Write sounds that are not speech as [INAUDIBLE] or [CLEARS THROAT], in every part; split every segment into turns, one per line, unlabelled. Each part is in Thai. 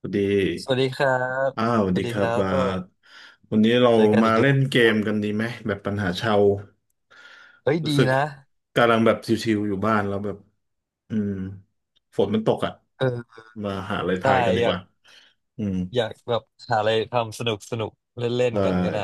สวัสดี
สวัสดีครับ
อ้าว สวั
ส
ส
วั
ดี
สดี
ค
ค
รับ
รับ
บา
ก็
ทวันนี้เรา
เจอกัน
มา
อีก
เล่
แล้
น
ว
เกมกันดีไหม แบบปัญหาชาว
เฮ้ย
รู้
ดี
สึก
นะ
กำลังแบบชิวๆอยู่บ้านแล้วแบบอืมฝนมันตกอ่ะ
เออ
มาหาอะไร
ใช่
ทายกันดี
อ
ก
ยาก
ว่าอืม
อยากแบบหาอะไรทำสนุกสนุกเล่นเล่น
ได้
กันก็ได้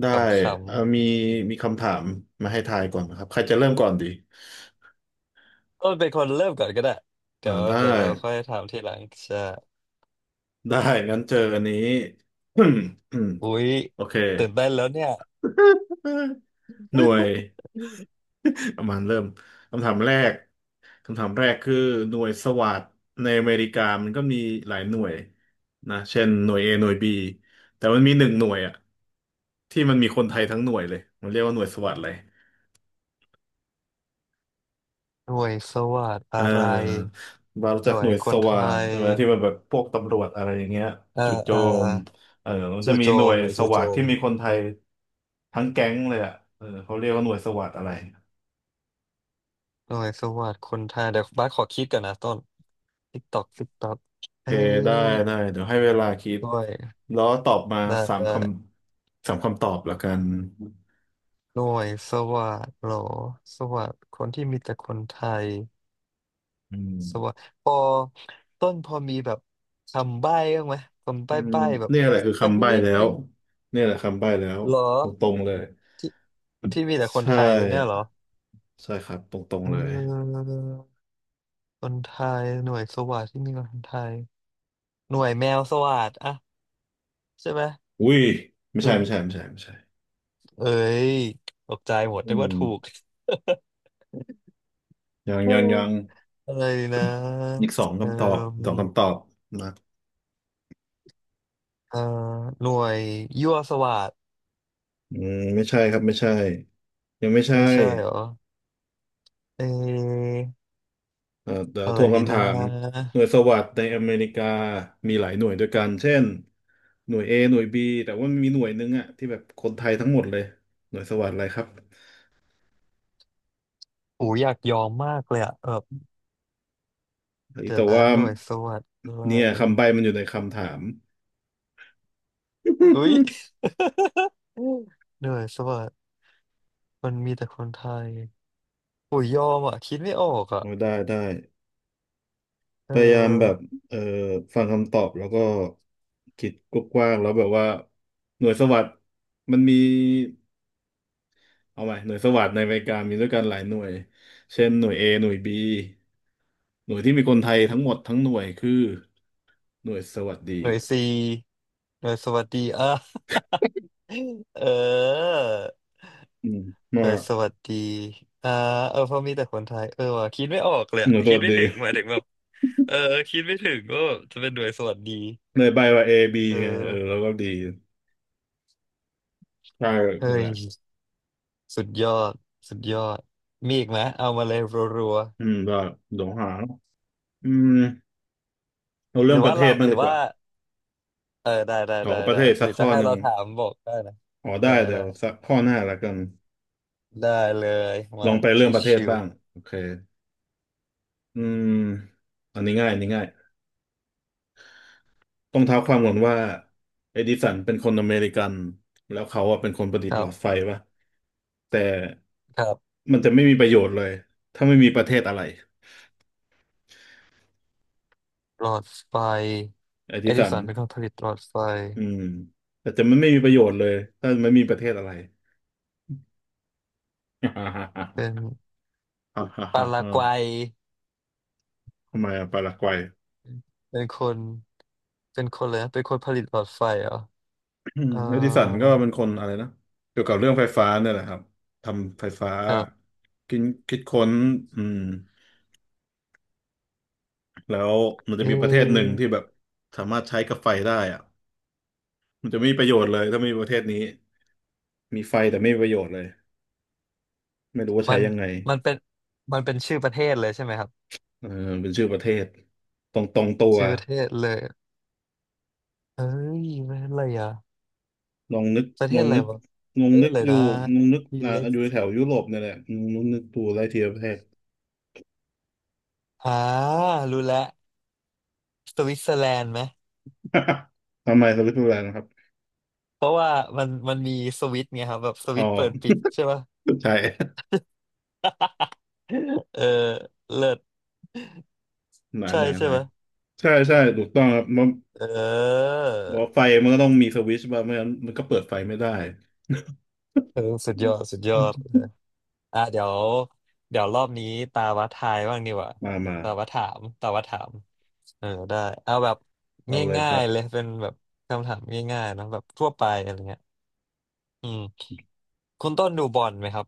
ได้
ขำ
มีมีคำถามมาให้ทายก่อนนะครับ ใครจะเริ่มก่อนดี
ๆต้นเป็นคนเริ่มก่อนก็ได้เดี๋ยว
ได้
เดี๋ยวเราค่อยถามทีหลังใช่
ได้งั้นเจออันนี้ [COUGHS]
อุ๊ย
[CLEARS THROAT] โอเค
ตื่นเต้นแล้วเนี่ย
หน่วย ประมาณเริ่มคำถามแรกคำถามแรกคือหน่วยสวัสดในอเมริกามันก็มีหลายหน่วยนะเช่นหน่วย A หน่วย B แต่มันมีหนึ่งหน่วยอะที่มันมีคนไทยทั้งหน่วยเลยมันเรียกว่าหน่วยสวัสดเลย
หน่วยสวัสดอะ
เ
ไร
ออบารู้
ห
จัก
น่ว
หน่
ย
วย
ค
ส
นไท
วาท
ย
ใช่ไหมที่มันแบบพวกตำรวจอะไรอย่างเงี้ย
เอ่อ
จุดโจ
เอ่อ
มเออมันจะ
จู่
มี
โจ
หน่ว
ม
ย
หน่วย
ส
จู่โจ
วาทที่
ม
มีคนไทยทั้งแก๊งเลยอ่ะเออเขาเรียกว่าหน่วยสวาทอะไร
หน่วยสวัสดคนไทยเดี๋ยวบ้าสขอคิดก่อนนะต้นติ๊กตอกติ๊กตอก
โอเค
เอ้ย
ได้ได้เดี๋ยวให้เวลาคิด
ด้วย
แล้วตอบมา
ได้
สาม
ได้
คำสามคำตอบละกัน
หน่วยสวัสดิ์เหรอสวัสดิ์คนที่มีแต่คนไทย
อืม
สวัสดิ์พอต้นพอมีแบบคำใบ้บ้างไหมคำ
อื
ใบ้
ม
ใบ้แบบ
เนี่ยแหละคือ
สัก
คำใบ้
นิด
แล้ว
นึง
เนี่ยแหละคำใบ้แล้ว
เหรอ
ตรงๆเลย
ที่ที่มีแต่คน
ใช่
ไทยเนี่ยเหรอ
ใช่ครับตรง
เอ
ๆเลย
อคนไทยหน่วยสวัสดิ์ที่มีแต่คนไทยหน่วยแมวสวัสดิ์อะใช่ไหม
อุ้ยไม่
หน่
ใช่
ว
ไม่ใช่
ย
ไม่ใช่ไม่ใช่
เอ้ยตกใจหมด
อื
นึกว่า
ม
ถูก [LAUGHS]
ยัง
อื
ยัง
ม
ยัง
อะไรนะ
อีกสอง
เอ
คำตอบสอง
อ
คำตอบนะ
เอ่อหน่วยยั่วสวัสด
ไม่ใช่ครับไม่ใช่ยังไม่ใช่
ไม่ใช่เหรอ เอออะ
ท
ไร
วง
ดี
คำ
น
ถาม
ะ
หน่วยสวัสดในอเมริกามีหลายหน่วยด้วยกันเช่นหน่วย A หน่วย B แต่ว่ามีหน่วยหนึ่งอะที่แบบคนไทยทั้งหมดเลยหน่วยสวัสดอะไรครับ
อูอยากยอมมากเลยอะแบบเดี๋ย
แต่
วนะ
ว่า
หน่วยสวัสดิ์ด้ว
เนี่
ย
ยคำใบ้มันอยู่ในคำถาม
อุ้ย
[LAUGHS]
[LAUGHS] อืมเหน่อยสวัสดิมันมีแต่คนไทยโอ้ยยอมอะคิดไม่ออกอะ
โอ้ได้ได้
เอ
พ
อ
ยายามแบบเอ่อฟังคำตอบแล้วก็คิดกว้างๆแล้วแบบว่าหน่วยสวัสดมันมีเอาไหมหน่วยสวัสดในอเมริกามีด้วยกันหลายหน่วยเช่นหน่วย A หน่วย B หน่วยที่มีคนไทยทั้งหมดทั้งหน่วยคือหน่วยสวัสดี
หน่วยซีหน่วยสวัสดีอ่ะ [LAUGHS] เออ
อืม
ห
มา
น่วยสวัสดีอ่าเออเพราะมีแต่คนไทยเออว่ะคิดไม่ออกเลย
ห
อะ
น่วยส
คิด
วัส
ไม่
ดี
ถึงหมายถึงแบบเออคิดไม่ถึงว่าบจะเป็นหน่วยสวัสดี
ในใบว่า A B
เอ
ไงเออแล้
อ
วก็ดีใช่
เฮ้
นั่นแห
ย
ละ
สุดยอดสุดยอดมีอีกไหมเอามาเลยรัว
ก็เดี๋ยวหาอืมเอา
ๆห
เรื่อ
รื
ง
อ
ประ
ว่า
เท
เรา
ศบ้า
ห
ง
รื
ดี
อ
ก
ว่า
ว่า
เออได้ได้
ขอ
ได้
ประ
ได้
เทศ
ห
สั
รื
ก
อ
ข้
จะ
อ
ให้
หนึ่
เรา
ง
ถามบอกได้นะ
อ๋อได้
ได้
เดี๋ย
ได้
วสักข้อหน้าละกัน
ได้เลย
ล
มา
องไปเรื่องประเทศ
ชิ
บ้าง
ว
โอเคอืมอันนี้ง่ายอันนี้ง่ายต้องเท้าความก่อนว่าเอดิสันเป็นคนอเมริกันแล้วเขาอะเป็นคนประดิ
ๆ
ษ
ค
ฐ์ห
รั
ลอ
บ
ดไฟปะแต่
ครับ
มันจะไม่มีประโยชน์เลยถ้าไม่มีประเทศอะไร
หลอดไฟ
ไอ้
เอ
ที่
ดิ
สัน
สันเป็นคนผลิตหลอดไฟ
อืมแต่จะมันไม่มีประโยชน์เลยถ้าไม่มีประเทศอะไร [LAUGHS] ฮ่าฮ่า
เป็น
ฮ่าฮ
ปารา
่า
กวัย
ทำไมอะปารากวัย
เป็นคนเป็นคนเลยนะเป็นคนผลิตหลอดไฟเหรอ
[CLEARS THROAT]
เออ
เอดิสันก็เป็นคนอะไรนะเกี่ยวกับเรื่องไฟฟ้าเนี่ยแหละครับทำไฟฟ้า
ครับ
คิดคิดค้นอืมแล้วมัน
เอ
จะมีประเทศหนึ่งที่แบ
ะ
บสามารถใช้กับไฟได้อะมันจะไม่มีประโยชน์เลยถ้าไม่มีประเทศนี้มีไฟแต่ไม่มีประโยชน์เลยไม่รู้ว่า
มั
ใช้
น
ยังไง
มันเป็นมันเป็นชื่อประเทศเลยใช่ไหมครับ
เออเป็นชื่อประเทศตรงตรงตัว
ชื่อประเทศเลย เฮ้ยมันอะไรอ่ะ
ลองนึก
ประเท
ลอ
ศ
ง
อะไร
นึก
วะ
ลอ
ป
ง
ระเทศ
นึก
อะไร
อ
นะ
ยู่ลองนึก
มี
นะ
เล็ก
อยู่แถวยุโรปเนี่ยแหละลองนึกดูไล่ทีละประเทศ
อ่ารู้แล้วสวิตเซอร์แลนด์ไหม
[LAUGHS] ทำไมสวิตเซอร์แลนด์นะครับ
เพราะว่ามันมีสวิตช์ไงครับแบบส
อ๋
วิตช์เปิดปิ
อ
ดใช่ป่ะ
ใช่
เออเลิศ
[LAUGHS] ไหน
ใช่
ไหนไห
ใช่
น
ป่ะ
ใช่ใช่ถูกต้องครับมัน
เออ
ว่าไฟมันก็ต้องมีสวิตช์บ้างไม่งั้นมันก็เปิดไฟไม่ได้
เออสุดยอดสุดยอดเออ
[LAUGHS]
อ่ะเดี๋ยวรอบนี้ตาวัดทายบ้างดีกว่า
มามา
ตาวัดถามตาวัดถามเออได้เอาแบบ
เอาเลย
ง่า
ครั
ย
บ
ๆเลยเป็นแบบคำถามง่ายๆเนอะแบบทั่วไปอะไรเงี้ยอืม คุณต้นดูบอลไหมครับ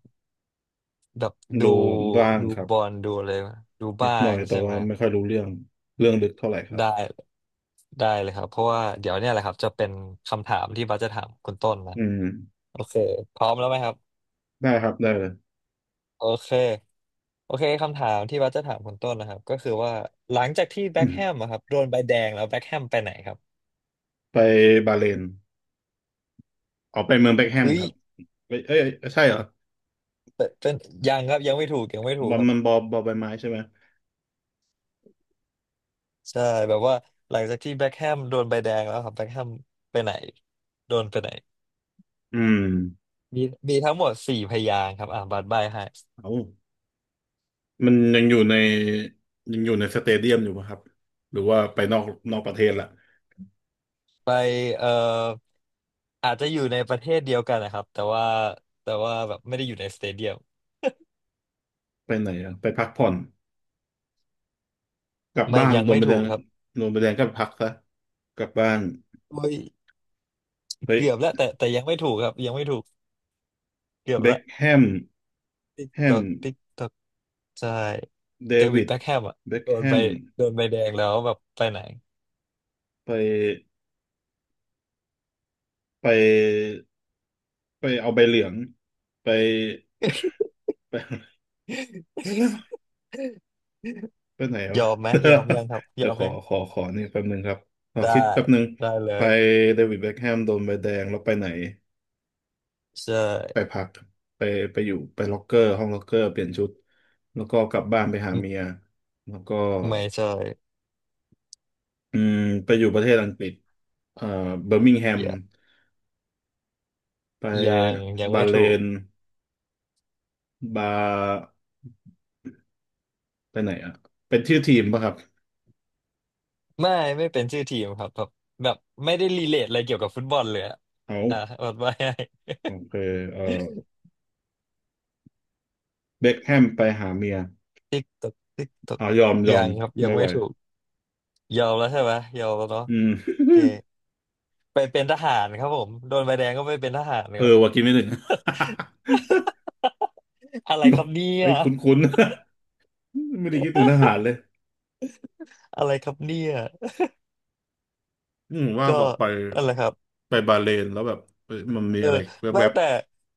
แบบดู
ดูบ้าง
ดู
ครับ
บอลดูอะไรไหมดู
นิ
บ้า
ดหน่อ
ง
ยแต่
ใช่ไห
ว่า
ม
ไม่ค่อยรู้เรื่องเรื่องลึกเท่าไหร่ครับ
ได้ได้เลยครับเพราะว่าเดี๋ยวเนี่ยแหละครับจะเป็นคำถามที่บัสจะถามคุณต้นนะ
อืม
โอเคพร้อมแล้วไหมครับ
ได้ครับได้เลย
โอเคโอเคคำถามที่บัสจะถามคุณต้นนะครับก็คือว่าหลังจากที่แบ็คแฮม
[COUGHS]
อะครับโดนใบแดงแล้วแบ็คแฮมไปไหนครับ
[CLEARS THROAT] ไปบาห์เรน ออกไปเมืองเบ็คแฮม
เอ้ย
ครับเอ้ยเอ้ยอ้ใช่เหรอ
เป็นยังครับยังไม่ถูกยังไม่ถู
บ
ก
อล
ครับ
มันบอลบอลใบไม้ใช่ไหม
ใช่แบบว่าหลังจากที่แบ็คแฮมโดนใบแดงแล้วครับแบ็คแฮมไปไหนโดนไปไหน
อืม
มีมีทั้งหมดสี่พยางค์ครับอ่าบัตรใบให้
เอามันยังอยู่ในยังอยู่ในสเตเดียมอยู่ปะครับหรือว่าไปนอกนอกประเทศละ
ไปเอ่ออาจจะอยู่ในประเทศเดียวกันนะครับแต่ว่าแบบไม่ได้อยู่ในสเตเดียม
ไปไหนอะไปพักผ่อนกลับ
ไม่
บ้าน
ยัง
โดน
ไม่
ใบแด
ถูก
ง
ครับ
โดนใบแดงก็พักซะกลับบ้าน
โอ้ย
เฮ้ย
เกือบแล้วแต่ยังไม่ถูกครับยังไม่ถูกเกือบ
เบ็ค
ละ
แฮม
ติ๊ก
แฮ
ตอ
ม
กติ๊กตอกใช่
เด
เดวิ
วิ
ด
ด
แบ็คแฮมอ่ะ
เบ็ค
โด
แฮ
นใบ
ม
โดนใบแดงแล้วแบบไปไหน
ไปไปไปเอาใบเหลืองไปไปไป ไปไหน
ย
วะ
อมไหมยอมยังครับ
[LAUGHS]
ย
เดี๋
อ
ยว
ม
ขอ
ยัง
ขอขอนี่แป๊บหนึ่งครับขอ
ได้
คิดแป๊บหนึ่ง
ได้เล
ไป
ย
เดวิดเบ็คแฮมโดนใบแดงแล้วไปไหน
ใช่
ไปพักไปไปอยู่ไปล็อกเกอร์ห้องล็อกเกอร์เปลี่ยนชุดแล้วก็กลับบ้านไปหา
ไม่
เมียแล้วก็
ไม่ใช่
อืมไปอยู่ประเทศอังกฤษเอ่อเบอร์มิงแฮม
อย่า
ไป
ยังยัง
บา
ไม่
เล
ถูก
นบาไปไหนอ่ะเป็นชื่อทีมป่ะครับ
ไม่ไม่เป็นชื่อทีมครับแบบแบบไม่ได้รีเลทอะไรเกี่ยวกับฟุตบอลเลยอะอ่ะ
เอา
[LAUGHS] อดไว้ให้
โอเคเอ่อเบ็คแฮมไปหาเมีย
[LAUGHS] ติ๊กตอกติ๊กตอก
เอายอมยอ
ยั
ม
งครับยัง
ไม่ไหว
ไม่ถูกยอมแล้วใช่ไหมยอมแล้วเนาะ
อื
โอเค
ม
ไปเป็นทหารครับผมโดนใบแดงก็ไปเป็นทหาร
เออ
ครับ
ว่ากินไม่ถึง
[LAUGHS] อะไรครับเนี่
[LAUGHS] ไอ้
ย
ยคุ้นๆ [LAUGHS] ไม่ได้คิดถึงทหารเลย
อะไรครับเนี่ย
ว่า
ก็
แบบไป
อะไรครับ
ไปบาห์เรนแล้วแบบเอ้ยมันมี
เออ
อะไร
ไม่
แวบ
แต่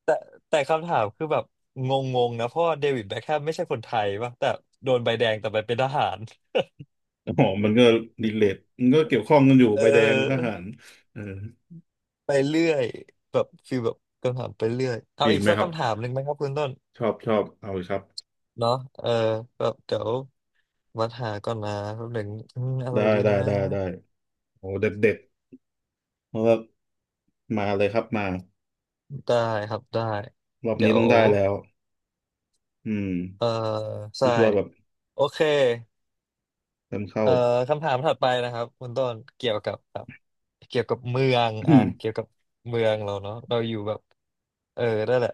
แต่แต่คำถามคือแบบงงๆนะเพราะว่าเดวิดแบ็คแฮมไม่ใช่คนไทยป่ะแต่โดนใบแดงแต่ไปเป็นทหาร
ๆอ๋อมันก็รีเลทมันก็เกี่ยวข้องกันอยู่
เอ
ใบแดงทหา
อ
รเออ
ไปเรื่อยแบบฟีลแบบคำถามไปเรื่อยเอา
มีอี
อี
ก
ก
ไหม
สัก
ครับ
คำถามหนึ่งไหมครับคุณต้น
ชอบชอบเอาเลยครับ
เนาะเออแบบเดี๋ยววัดหาก่อนนะแป๊บหนึ่งอืมอะไร
ได้
ดี
ได้
นะ
ได้ได้โอ้เด็ดเด็ดเพราะว่ามาเลยครับมา
ได้ครับได้
รอบ
เดี๋
นี้
ย
ต้
ว
องได้แล้วอืม
เออ
คิ
ใช่
ดว่าแบบ
โอเค
เริ่มเข้า
เอ่อคำถามถัดไปนะครับคุณต้นเกี่ยวกับแบบเกี่ยวกับเมืองอ่ะเกี่ยวกั
[COUGHS]
บเมืองเราเนาะเราอยู่แบบเออนั่นแหละ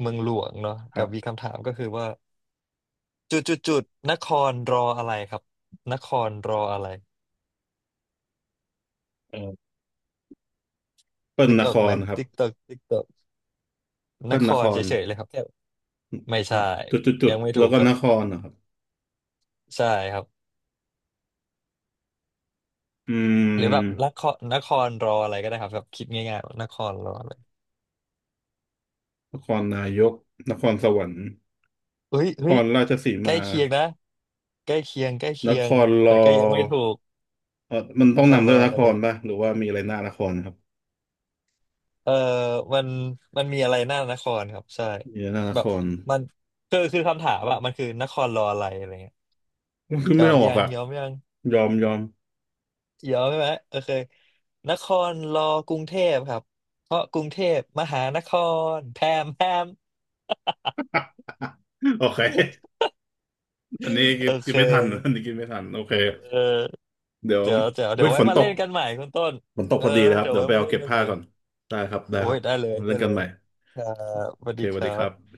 เมืองหลวงเนาะ
[CLEARS THROAT] ค
เดี๋
รั
ยวมี
บ
คำถามก็คือว่า จุดจุดจุดนครรออะไรครับนครรออะไร
เออเปิ้ล
นึก
น
ออ
ค
กไหม
รครับ
ติ๊กตอกติ๊กตอกน
เปิ้ล
ค
นค
ร
ร
เฉยๆเลยครับแค่ไม่ใช่
อ่ะจุดจุดจุ
ยั
ด
งไม่ถู
แล้ว
ก
ก็
ครับ
นครนะครับ
ใช่ครับ
อื
หรือแบบน
ม
ครนครรออะไรก็ได้ครับแบบคิดง่ายๆว่านครรออะไร
นครนายกนครสวรรค์
เฮ้ย
นค
เฮ้ย
รราชสี
ใกล้
มา
เคียงนะใกล้เคียงใกล้
น
เคีย
ค
ง
รร
แต่ก็ยังไม่
อ
ถูก
เออมัน
น
ต้อง
คร
นำ
ร
ด้ว
อ
ยน
อะไร
ครป่ะหรือว่ามีอะไรหน้านครครับ
เออมันมันมีอะไรหน้านครครับใช่
มีอะไรหน้าน
แบ
ค
บ
ร
มันคือคำถามอะมันคือนครรออะไรอะไรเงี้ย
มันคือ
ย
ไม่
อม
ออก
ยัง
อ่ะ
ยอมยัง
ยอมยอม
เดียอมใช่ไหมโอเคนครรอกรุงเทพครับเพราะกรุงเทพมหานครแพมแพม
[LAUGHS] โอเคอันนี้
[LAUGHS]
กิ
โอ
นกิ
เค
นไม่ทันอันนี้กินไม่ทันโอเค
เออ
เดี๋ยว
เดี๋ยวเดี๋ยวเดี๋
อุ้
ย
ย
ว
ฝ
ไว้
น
มา
ต
เล่
ก
นกันใหม่คุณต้น
ฝนตก
เอ
พ
อ
อดีเลยครับ
เดี๋ยว
เดี๋ยว
ไว้
ไป
มา
เอา
เล่น
เก็บ
กัน
ผ้า
ใหม่
ก่อนได้ครับได้
โอ้
ครั
ย
บ
ได้เลย
เล่
ได้
นกั
เล
นให
ย
ม่
ครับส
โอ
วัส
เค
ดี
ส
ค
วัสดี
รั
ครับ
บ